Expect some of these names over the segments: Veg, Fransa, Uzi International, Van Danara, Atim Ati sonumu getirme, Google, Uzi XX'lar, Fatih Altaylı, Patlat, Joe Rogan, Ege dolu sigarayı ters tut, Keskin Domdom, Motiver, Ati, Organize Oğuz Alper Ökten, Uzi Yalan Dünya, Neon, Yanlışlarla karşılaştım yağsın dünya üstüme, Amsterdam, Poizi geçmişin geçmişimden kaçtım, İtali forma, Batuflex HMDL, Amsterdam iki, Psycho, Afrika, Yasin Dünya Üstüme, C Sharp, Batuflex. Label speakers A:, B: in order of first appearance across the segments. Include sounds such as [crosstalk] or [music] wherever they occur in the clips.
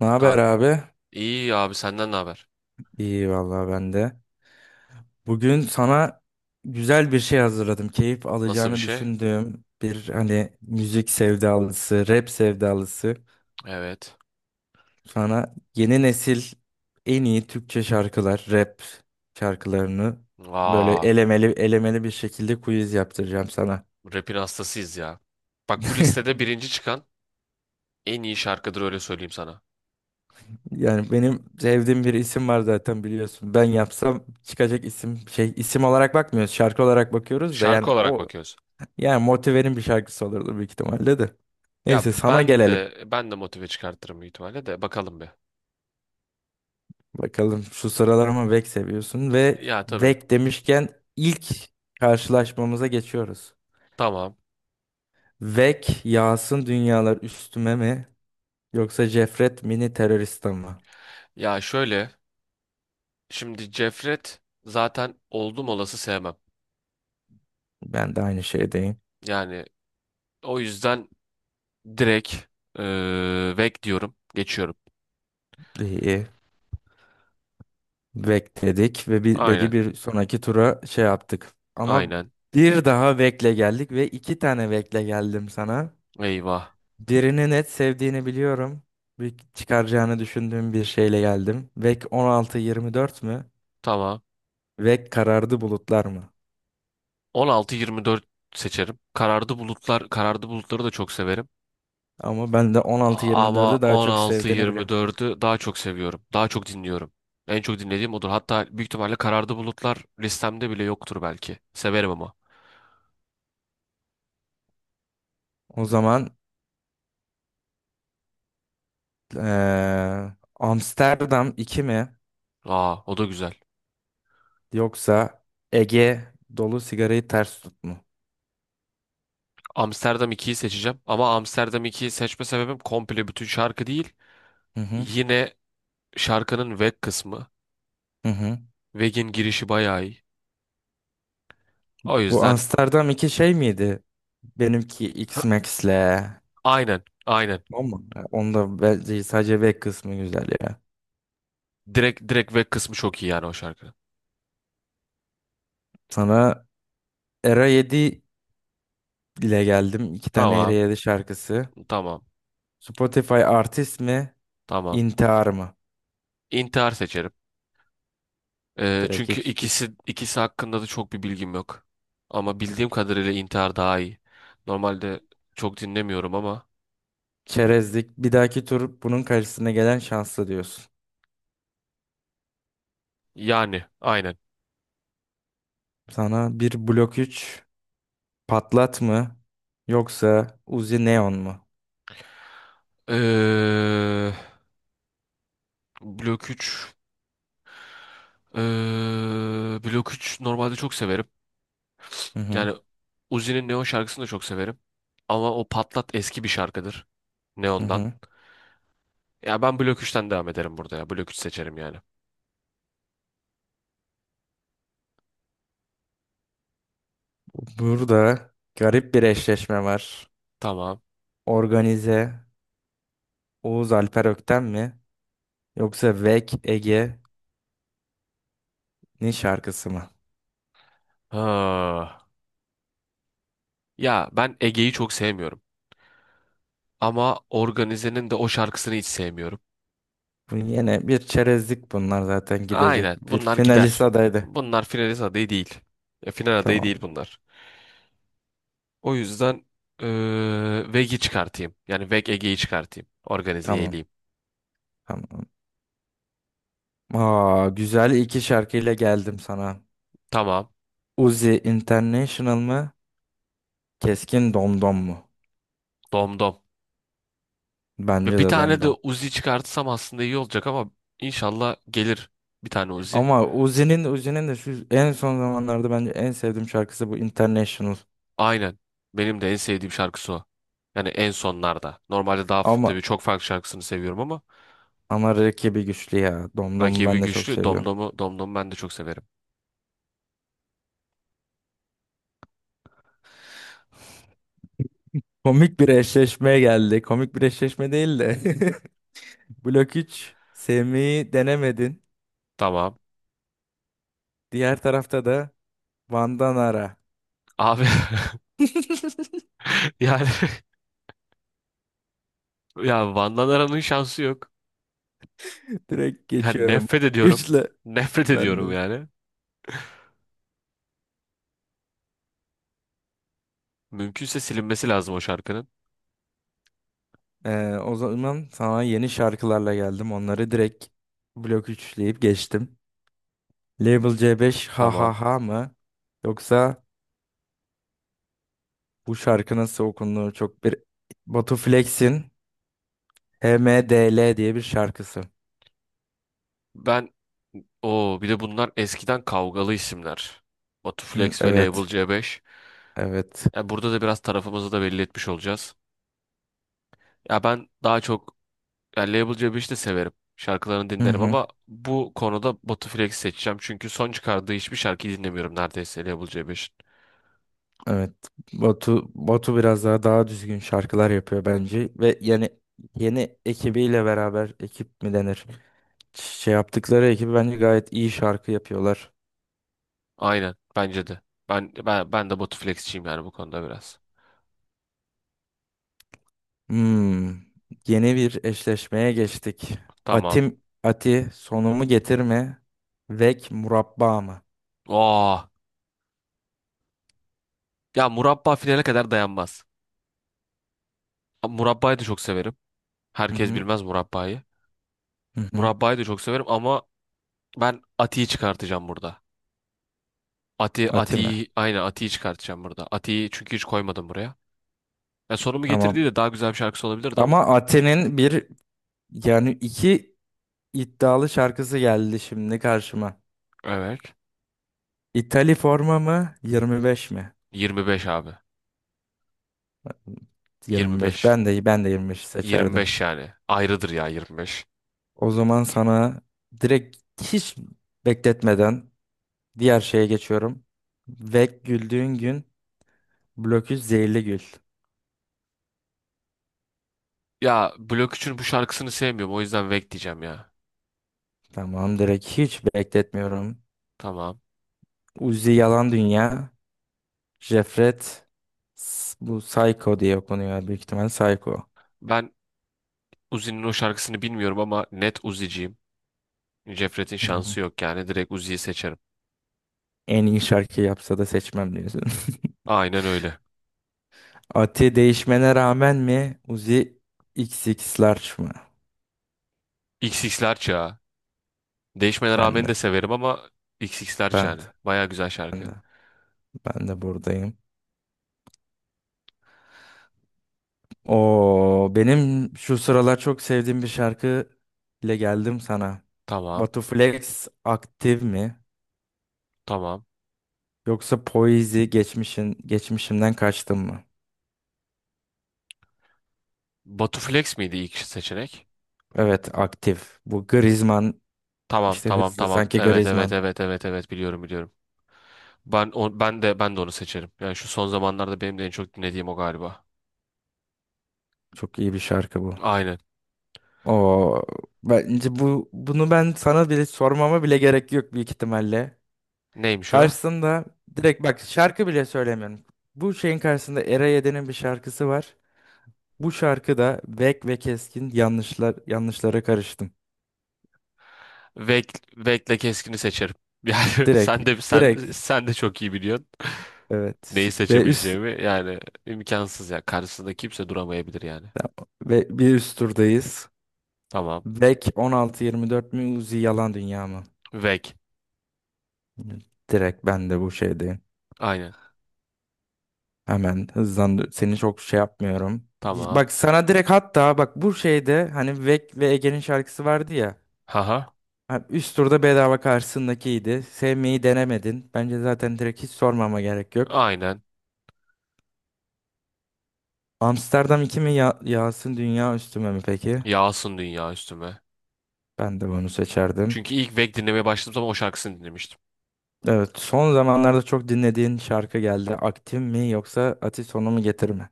A: Ne haber
B: Kank
A: abi?
B: iyi abi senden ne haber?
A: İyi vallahi ben de. Bugün sana güzel bir şey hazırladım. Keyif
B: Nasıl bir
A: alacağını
B: şey?
A: düşündüğüm bir hani müzik sevdalısı, rap sevdalısı.
B: Evet.
A: Sana yeni nesil en iyi Türkçe şarkılar, rap şarkılarını böyle
B: Aa,
A: elemeli elemeli bir şekilde quiz yaptıracağım sana.
B: rap'in hastasıyız ya. Bak bu listede birinci çıkan en iyi şarkıdır, öyle söyleyeyim sana.
A: Yani benim sevdiğim bir isim var zaten biliyorsun. Ben yapsam çıkacak isim şey isim olarak bakmıyoruz, şarkı olarak bakıyoruz da
B: Şarkı
A: yani
B: olarak
A: o.
B: bakıyoruz.
A: Yani Motiver'in bir şarkısı olurdu büyük ihtimalle de.
B: Ya
A: Neyse sana
B: ben
A: gelelim.
B: de ben de motive çıkartırım büyük ihtimalle de, bakalım bir.
A: Bakalım şu sıralar ama Vek seviyorsun ve
B: Ya tabii.
A: Vek demişken ilk karşılaşmamıza geçiyoruz.
B: Tamam.
A: Vek yağsın dünyalar üstüme mi yoksa Cefret mini teröriste mi?
B: Ya şöyle, şimdi Cefret zaten oldum olası sevmem.
A: Ben de aynı şeydeyim.
B: Yani o yüzden direkt vek diyorum. Geçiyorum.
A: İyi. Vek dedik ve bir, Vek'i
B: Aynen.
A: bir sonraki tura şey yaptık. Ama
B: Aynen.
A: bir daha Vek'le geldik ve iki tane Vek'le geldim sana.
B: Eyvah.
A: Birini net sevdiğini biliyorum. Bir çıkaracağını düşündüğüm bir şeyle geldim. Vek 16-24 mü?
B: Tamam.
A: Vek karardı bulutlar mı?
B: 16-24 seçerim. Karardı bulutlar, karardı bulutları da çok severim.
A: Ama ben de
B: Ama
A: 16-24'ü daha çok sevdiğini biliyorum.
B: 16-24'ü daha çok seviyorum. Daha çok dinliyorum. En çok dinlediğim odur. Hatta büyük ihtimalle karardı bulutlar listemde bile yoktur belki. Severim ama.
A: O zaman eee, Amsterdam iki mi?
B: Aa, o da güzel.
A: Yoksa Ege dolu sigarayı ters tut mu?
B: Amsterdam ikiyi seçeceğim. Ama Amsterdam ikiyi seçme sebebim komple bütün şarkı değil.
A: Hı hı,
B: Yine şarkının Weg kısmı.
A: hı hı.
B: Weg'in girişi bayağı iyi. O
A: Bu
B: yüzden
A: Amsterdam iki şey miydi? Benimki X-Max'le.
B: aynen, aynen.
A: Ama onda bence sadece Vek kısmı güzel ya.
B: Direkt direkt Weg kısmı çok iyi yani o şarkının.
A: Sana Era yedi ile geldim. İki tane
B: Tamam,
A: Ereyali şarkısı.
B: tamam.
A: Spotify artist mi?
B: Tamam.
A: İntihar mı?
B: İntihar seçerim.
A: Direkt
B: Çünkü
A: hiç geçiştir.
B: ikisi hakkında da çok bir bilgim yok. Ama bildiğim kadarıyla intihar daha iyi. Normalde çok dinlemiyorum ama
A: Çerezlik. Bir dahaki tur bunun karşısına gelen şanslı diyorsun.
B: yani aynen.
A: Sana bir blok üç patlat mı? Yoksa Uzi Neon mu?
B: Ee, Blok 3 ee, Blok 3 normalde çok severim.
A: Hı hı.
B: Yani Uzi'nin Neon şarkısını da çok severim. Ama o Patlat eski bir şarkıdır.
A: Hı
B: Neon'dan.
A: hı.
B: Ya ben Blok 3'ten devam ederim burada ya. Blok 3 seçerim yani.
A: Burada garip bir eşleşme var.
B: Tamam.
A: Organize Oğuz Alper Ökten mi? Yoksa Vek Ege'nin şarkısı mı?
B: Ha. Ya ben Ege'yi çok sevmiyorum. Ama Organize'nin de o şarkısını hiç sevmiyorum.
A: Bu yine bir çerezlik bunlar zaten gidecek.
B: Aynen,
A: Bir
B: bunlar
A: finalist
B: gider.
A: adaydı.
B: Bunlar finalist adayı değil. Final adayı
A: Tamam.
B: değil bunlar. O yüzden Veg'i çıkartayım. Yani Veg Ege'yi çıkartayım. Organize'yi
A: Tamam.
B: eleyeyim.
A: Tamam. Aa, güzel iki şarkıyla geldim sana.
B: Tamam.
A: Uzi International mı? Keskin Domdom mu?
B: Domdom. Ve
A: Bence
B: bir
A: de
B: tane de
A: Domdom.
B: Uzi çıkartsam aslında iyi olacak ama inşallah gelir bir tane Uzi.
A: Ama Uzi'nin de şu en son zamanlarda bence en sevdiğim şarkısı bu International.
B: Aynen. Benim de en sevdiğim şarkısı o. Yani en sonlarda. Normalde daha
A: Ama
B: tabii çok farklı şarkısını seviyorum ama
A: ama rakibi güçlü ya. Domdom'u
B: rakibi
A: ben de çok
B: güçlü.
A: seviyorum.
B: Domdom'u ben de çok severim.
A: Komik bir eşleşmeye geldi. Komik bir eşleşme değil de. [laughs] Blok 3 Semih'i denemedin.
B: Tamam.
A: Diğer tarafta da Vandanara.
B: Abi
A: [laughs]
B: [laughs] yani [laughs] ya Van Danara'nın şansı yok.
A: Direkt
B: Yani
A: geçiyorum.
B: nefret
A: [laughs]
B: ediyorum.
A: Güçle
B: Nefret
A: ben de.
B: ediyorum yani. Mümkünse silinmesi lazım o şarkının.
A: O zaman sana yeni şarkılarla geldim. Onları direkt blok üçleyip geçtim. Label C5 ha
B: Tamam.
A: ha ha mı? Yoksa bu şarkı nasıl okunduğu çok bir Batu Flex'in H M D L diye bir şarkısı.
B: Ben bir de bunlar eskiden kavgalı isimler.
A: Hı,
B: Batuflex ve Label
A: evet.
B: C5.
A: Evet.
B: Ya burada da biraz tarafımızı da belli etmiş olacağız. Ya ben daha çok, ya Label C5'i de severim. Şarkılarını
A: Hı
B: dinlerim
A: hı.
B: ama bu konuda Batuflex seçeceğim. Çünkü son çıkardığı hiçbir şarkıyı dinlemiyorum neredeyse Label C5'in.
A: Evet. Batu biraz daha düzgün şarkılar yapıyor bence ve yani yeni ekibiyle beraber ekip mi denir? Şey yaptıkları ekibi bence gayet iyi şarkı yapıyorlar.
B: Aynen bence de. Ben de Botuflex'çiyim yani bu konuda biraz.
A: Hmm. Yeni bir eşleşmeye geçtik.
B: Tamam.
A: Ati sonumu getirme. Vek murabba mı?
B: Aa, ya murabba finale kadar dayanmaz. Ama Murabbayı da çok severim.
A: Hı
B: Herkes
A: hı.
B: bilmez murabbayı.
A: Hı hı.
B: Murabbayı da çok severim ama ben Ati'yi çıkartacağım burada. Ati
A: Ati mi?
B: Ati'yi aynen Ati'yi çıkartacağım burada. Ati'yi çünkü hiç koymadım buraya. Ya sonumu
A: Tamam.
B: getirdiği de daha güzel bir şarkısı olabilirdi ama.
A: Ama Ati'nin bir yani iki iddialı şarkısı geldi şimdi karşıma.
B: Evet.
A: İtali forma mı? 25 mi?
B: 25 abi.
A: 25.
B: 25.
A: Ben de 25 seçerdim.
B: 25 yani. Ayrıdır ya 25.
A: O zaman sana direkt hiç bekletmeden diğer şeye geçiyorum. Ve güldüğün gün blokü zehirli gül.
B: Ya Blok 3'ün bu şarkısını sevmiyorum. O yüzden Vek diyeceğim ya.
A: Tamam direkt hiç bekletmiyorum.
B: Tamam.
A: Uzi Yalan Dünya. Jefret. Bu Psycho diye okunuyor. Büyük ihtimal Psycho.
B: Ben Uzi'nin o şarkısını bilmiyorum ama net Uzi'ciyim. Cefret'in
A: Hı hı.
B: şansı yok yani direkt Uzi'yi seçerim.
A: En iyi şarkı yapsa da seçmem diyorsun.
B: Aynen öyle.
A: [laughs] Ati değişmene rağmen mi? Uzi XX'lar mı?
B: XX'ler çağı. Değişmene
A: Ben
B: rağmen
A: de.
B: de severim ama XX'ler
A: Ben de.
B: çağı. Baya güzel
A: Ben
B: şarkı.
A: de. Ben de buradayım. O benim şu sıralar çok sevdiğim bir şarkı ile geldim sana.
B: Tamam,
A: Batu Flex aktif mi?
B: tamam.
A: Yoksa Poizi geçmişimden kaçtım mı?
B: Batu Flex miydi ilk seçenek?
A: Evet aktif. Bu Griezmann
B: Tamam,
A: işte
B: tamam,
A: hızlı
B: tamam.
A: sanki
B: Evet, evet,
A: Griezmann.
B: evet, evet, evet, biliyorum. Ben de onu seçerim. Yani şu son zamanlarda benim de en çok dinlediğim o galiba.
A: Çok iyi bir şarkı bu.
B: Aynen.
A: O bence bunu ben sana bile sormama bile gerek yok büyük ihtimalle.
B: Neymiş o?
A: Karşısında direkt bak şarkı bile söylemiyorum. Bu şeyin karşısında Era Yedi'nin bir şarkısı var. Bu şarkıda Vek ve Keskin yanlışlara karıştım.
B: Vek, Vek'le Keskin'i seçerim. [laughs] Yani
A: Direkt
B: sen de sen
A: direkt
B: sen de çok iyi biliyorsun.
A: evet
B: Neyi seçebileceğimi yani imkansız ya. Karşısında kimse duramayabilir yani.
A: ve bir üst turdayız.
B: Tamam.
A: Vek 16-24 mi Uzi Yalan Dünya mı?
B: Vek.
A: Direkt ben de bu şeydeyim.
B: Aynen.
A: Hemen hızlandı. Seni çok şey yapmıyorum.
B: Tamam.
A: Bak sana direkt hatta bak bu şeyde hani Vek ve Ege'nin şarkısı vardı ya.
B: Haha.
A: Ha, üst turda bedava karşısındakiydi. Sevmeyi denemedin. Bence zaten direkt hiç sormama gerek yok.
B: Aynen.
A: Amsterdam iki mi ya Yasin Dünya Üstüme mi peki?
B: Yağsın dünya üstüme.
A: Ben de bunu seçerdim.
B: Çünkü ilk Vek dinlemeye başladığım zaman o şarkısını dinlemiştim.
A: Evet, son zamanlarda çok dinlediğin şarkı geldi. Aktif mi yoksa Ati sonu mu getir mi?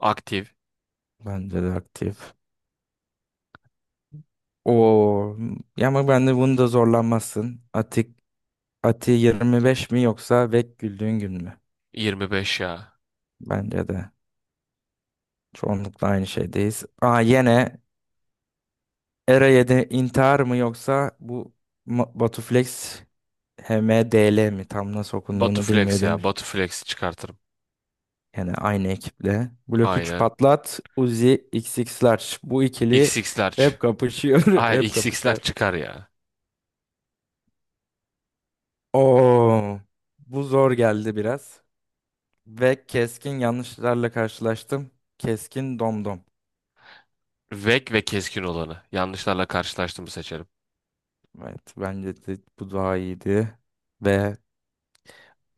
B: Aktif.
A: Bence de aktif. Oo, ya ama ben de bunu da zorlanmazsın. Ati 25 mi yoksa Vek güldüğün gün mü?
B: 25 ya.
A: Bence de çoğunlukla aynı şeydeyiz. Aa yine Era 7 intihar mı yoksa bu Batuflex HMDL mi? Tam nasıl
B: Batu
A: okunduğunu
B: Flex ya.
A: bilmedim.
B: Batu Flex'i çıkartırım.
A: Yani aynı ekiple. Blok üç
B: Aynen.
A: patlat, Uzi XX'lar. Bu ikili
B: XX'ler.
A: hep kapışıyor, [laughs]
B: Ay
A: hep
B: X xler
A: kapışır.
B: çıkar ya.
A: Oo, bu zor geldi biraz. Ve keskin yanlışlarla karşılaştım. Keskin domdom.
B: Vek ve keskin olanı. Yanlışlarla karşılaştığımı seçerim.
A: Evet, bence de bu daha iyiydi. Ve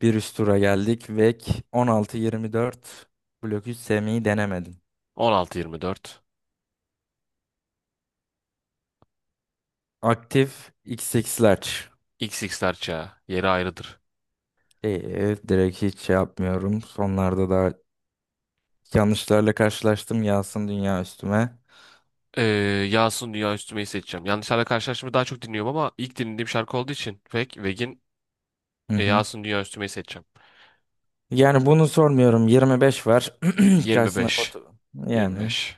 A: bir üst tura geldik. Vek 16-24. Blok 3 sevmeyi denemedim.
B: 16-24.
A: Aktif XX'ler.
B: XX'ler çağı. Yeri ayrıdır.
A: Direkt hiç şey yapmıyorum. Sonlarda da yanlışlarla karşılaştım yağsın dünya üstüme.
B: Ee, Yağsın Dünya Üstüme'yi seçeceğim. Yanlışlarla karşılaşmayı daha çok dinliyorum ama ilk dinlediğim şarkı olduğu için
A: Hı hı.
B: Yağsın Dünya Üstüme'yi seçeceğim.
A: Yani bunu sormuyorum. 25 var. [clears throat] Karşısına
B: 25.
A: foto. Yani.
B: 25.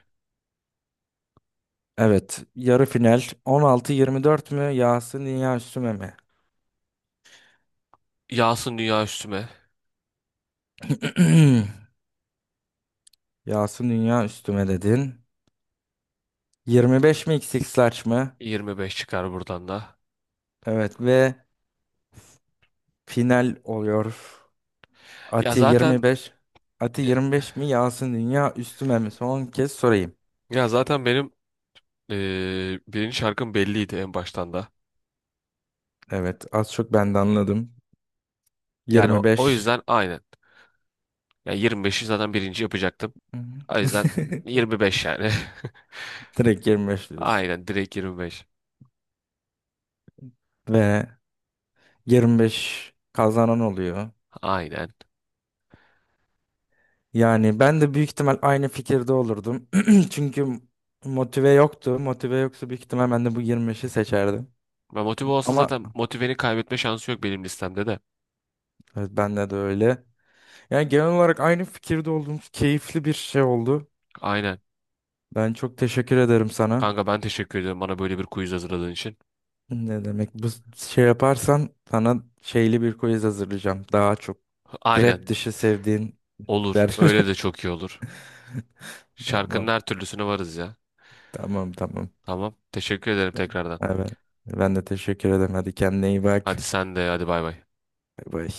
A: Evet. Yarı final. 16-24 mü? Yağsın dünya üstüme mi?
B: Yağsın Dünya Üstüme.
A: [clears throat] Yağsın dünya üstüme dedin. 25 mi XX large mı?
B: 25 çıkar buradan da.
A: Evet ve final oluyor.
B: Ya
A: Ati
B: zaten
A: 25. Ati 25 mi? Yağsın dünya üstüme mi? Son kez sorayım.
B: benim birinci şarkım belliydi en baştan da.
A: Evet az çok ben de anladım.
B: Yani o
A: 25.
B: yüzden aynen. Ya 25'i zaten birinci yapacaktım.
A: Hı
B: O yüzden
A: hı. [laughs]
B: 25 yani.
A: Direkt 25
B: [laughs]
A: diyorsun.
B: Aynen, direkt 25.
A: Ve 25 kazanan oluyor.
B: Aynen.
A: Yani ben de büyük ihtimal aynı fikirde olurdum. [clears throat] Çünkü motive yoktu. Motive yoksa büyük ihtimal ben de bu 25'i seçerdim.
B: Ve motive olsa
A: Ama
B: zaten motiveni kaybetme şansı yok benim listemde de.
A: evet, bende de öyle. Yani genel olarak aynı fikirde olduğumuz keyifli bir şey oldu.
B: Aynen.
A: Ben çok teşekkür ederim sana.
B: Kanka ben teşekkür ederim bana böyle bir quiz hazırladığın için.
A: Ne demek bu şey yaparsan sana şeyli bir quiz hazırlayacağım. Daha çok rap
B: Aynen.
A: dışı sevdiğin
B: Olur.
A: der.
B: Öyle de çok
A: [laughs]
B: iyi olur. Şarkının
A: Tamam,
B: her türlüsüne varız ya.
A: tamam, tamam.
B: Tamam. Teşekkür ederim tekrardan.
A: Evet. Ben de teşekkür ederim. Hadi kendine iyi bak.
B: Hadi sen de, hadi bay bay.
A: Bay bay.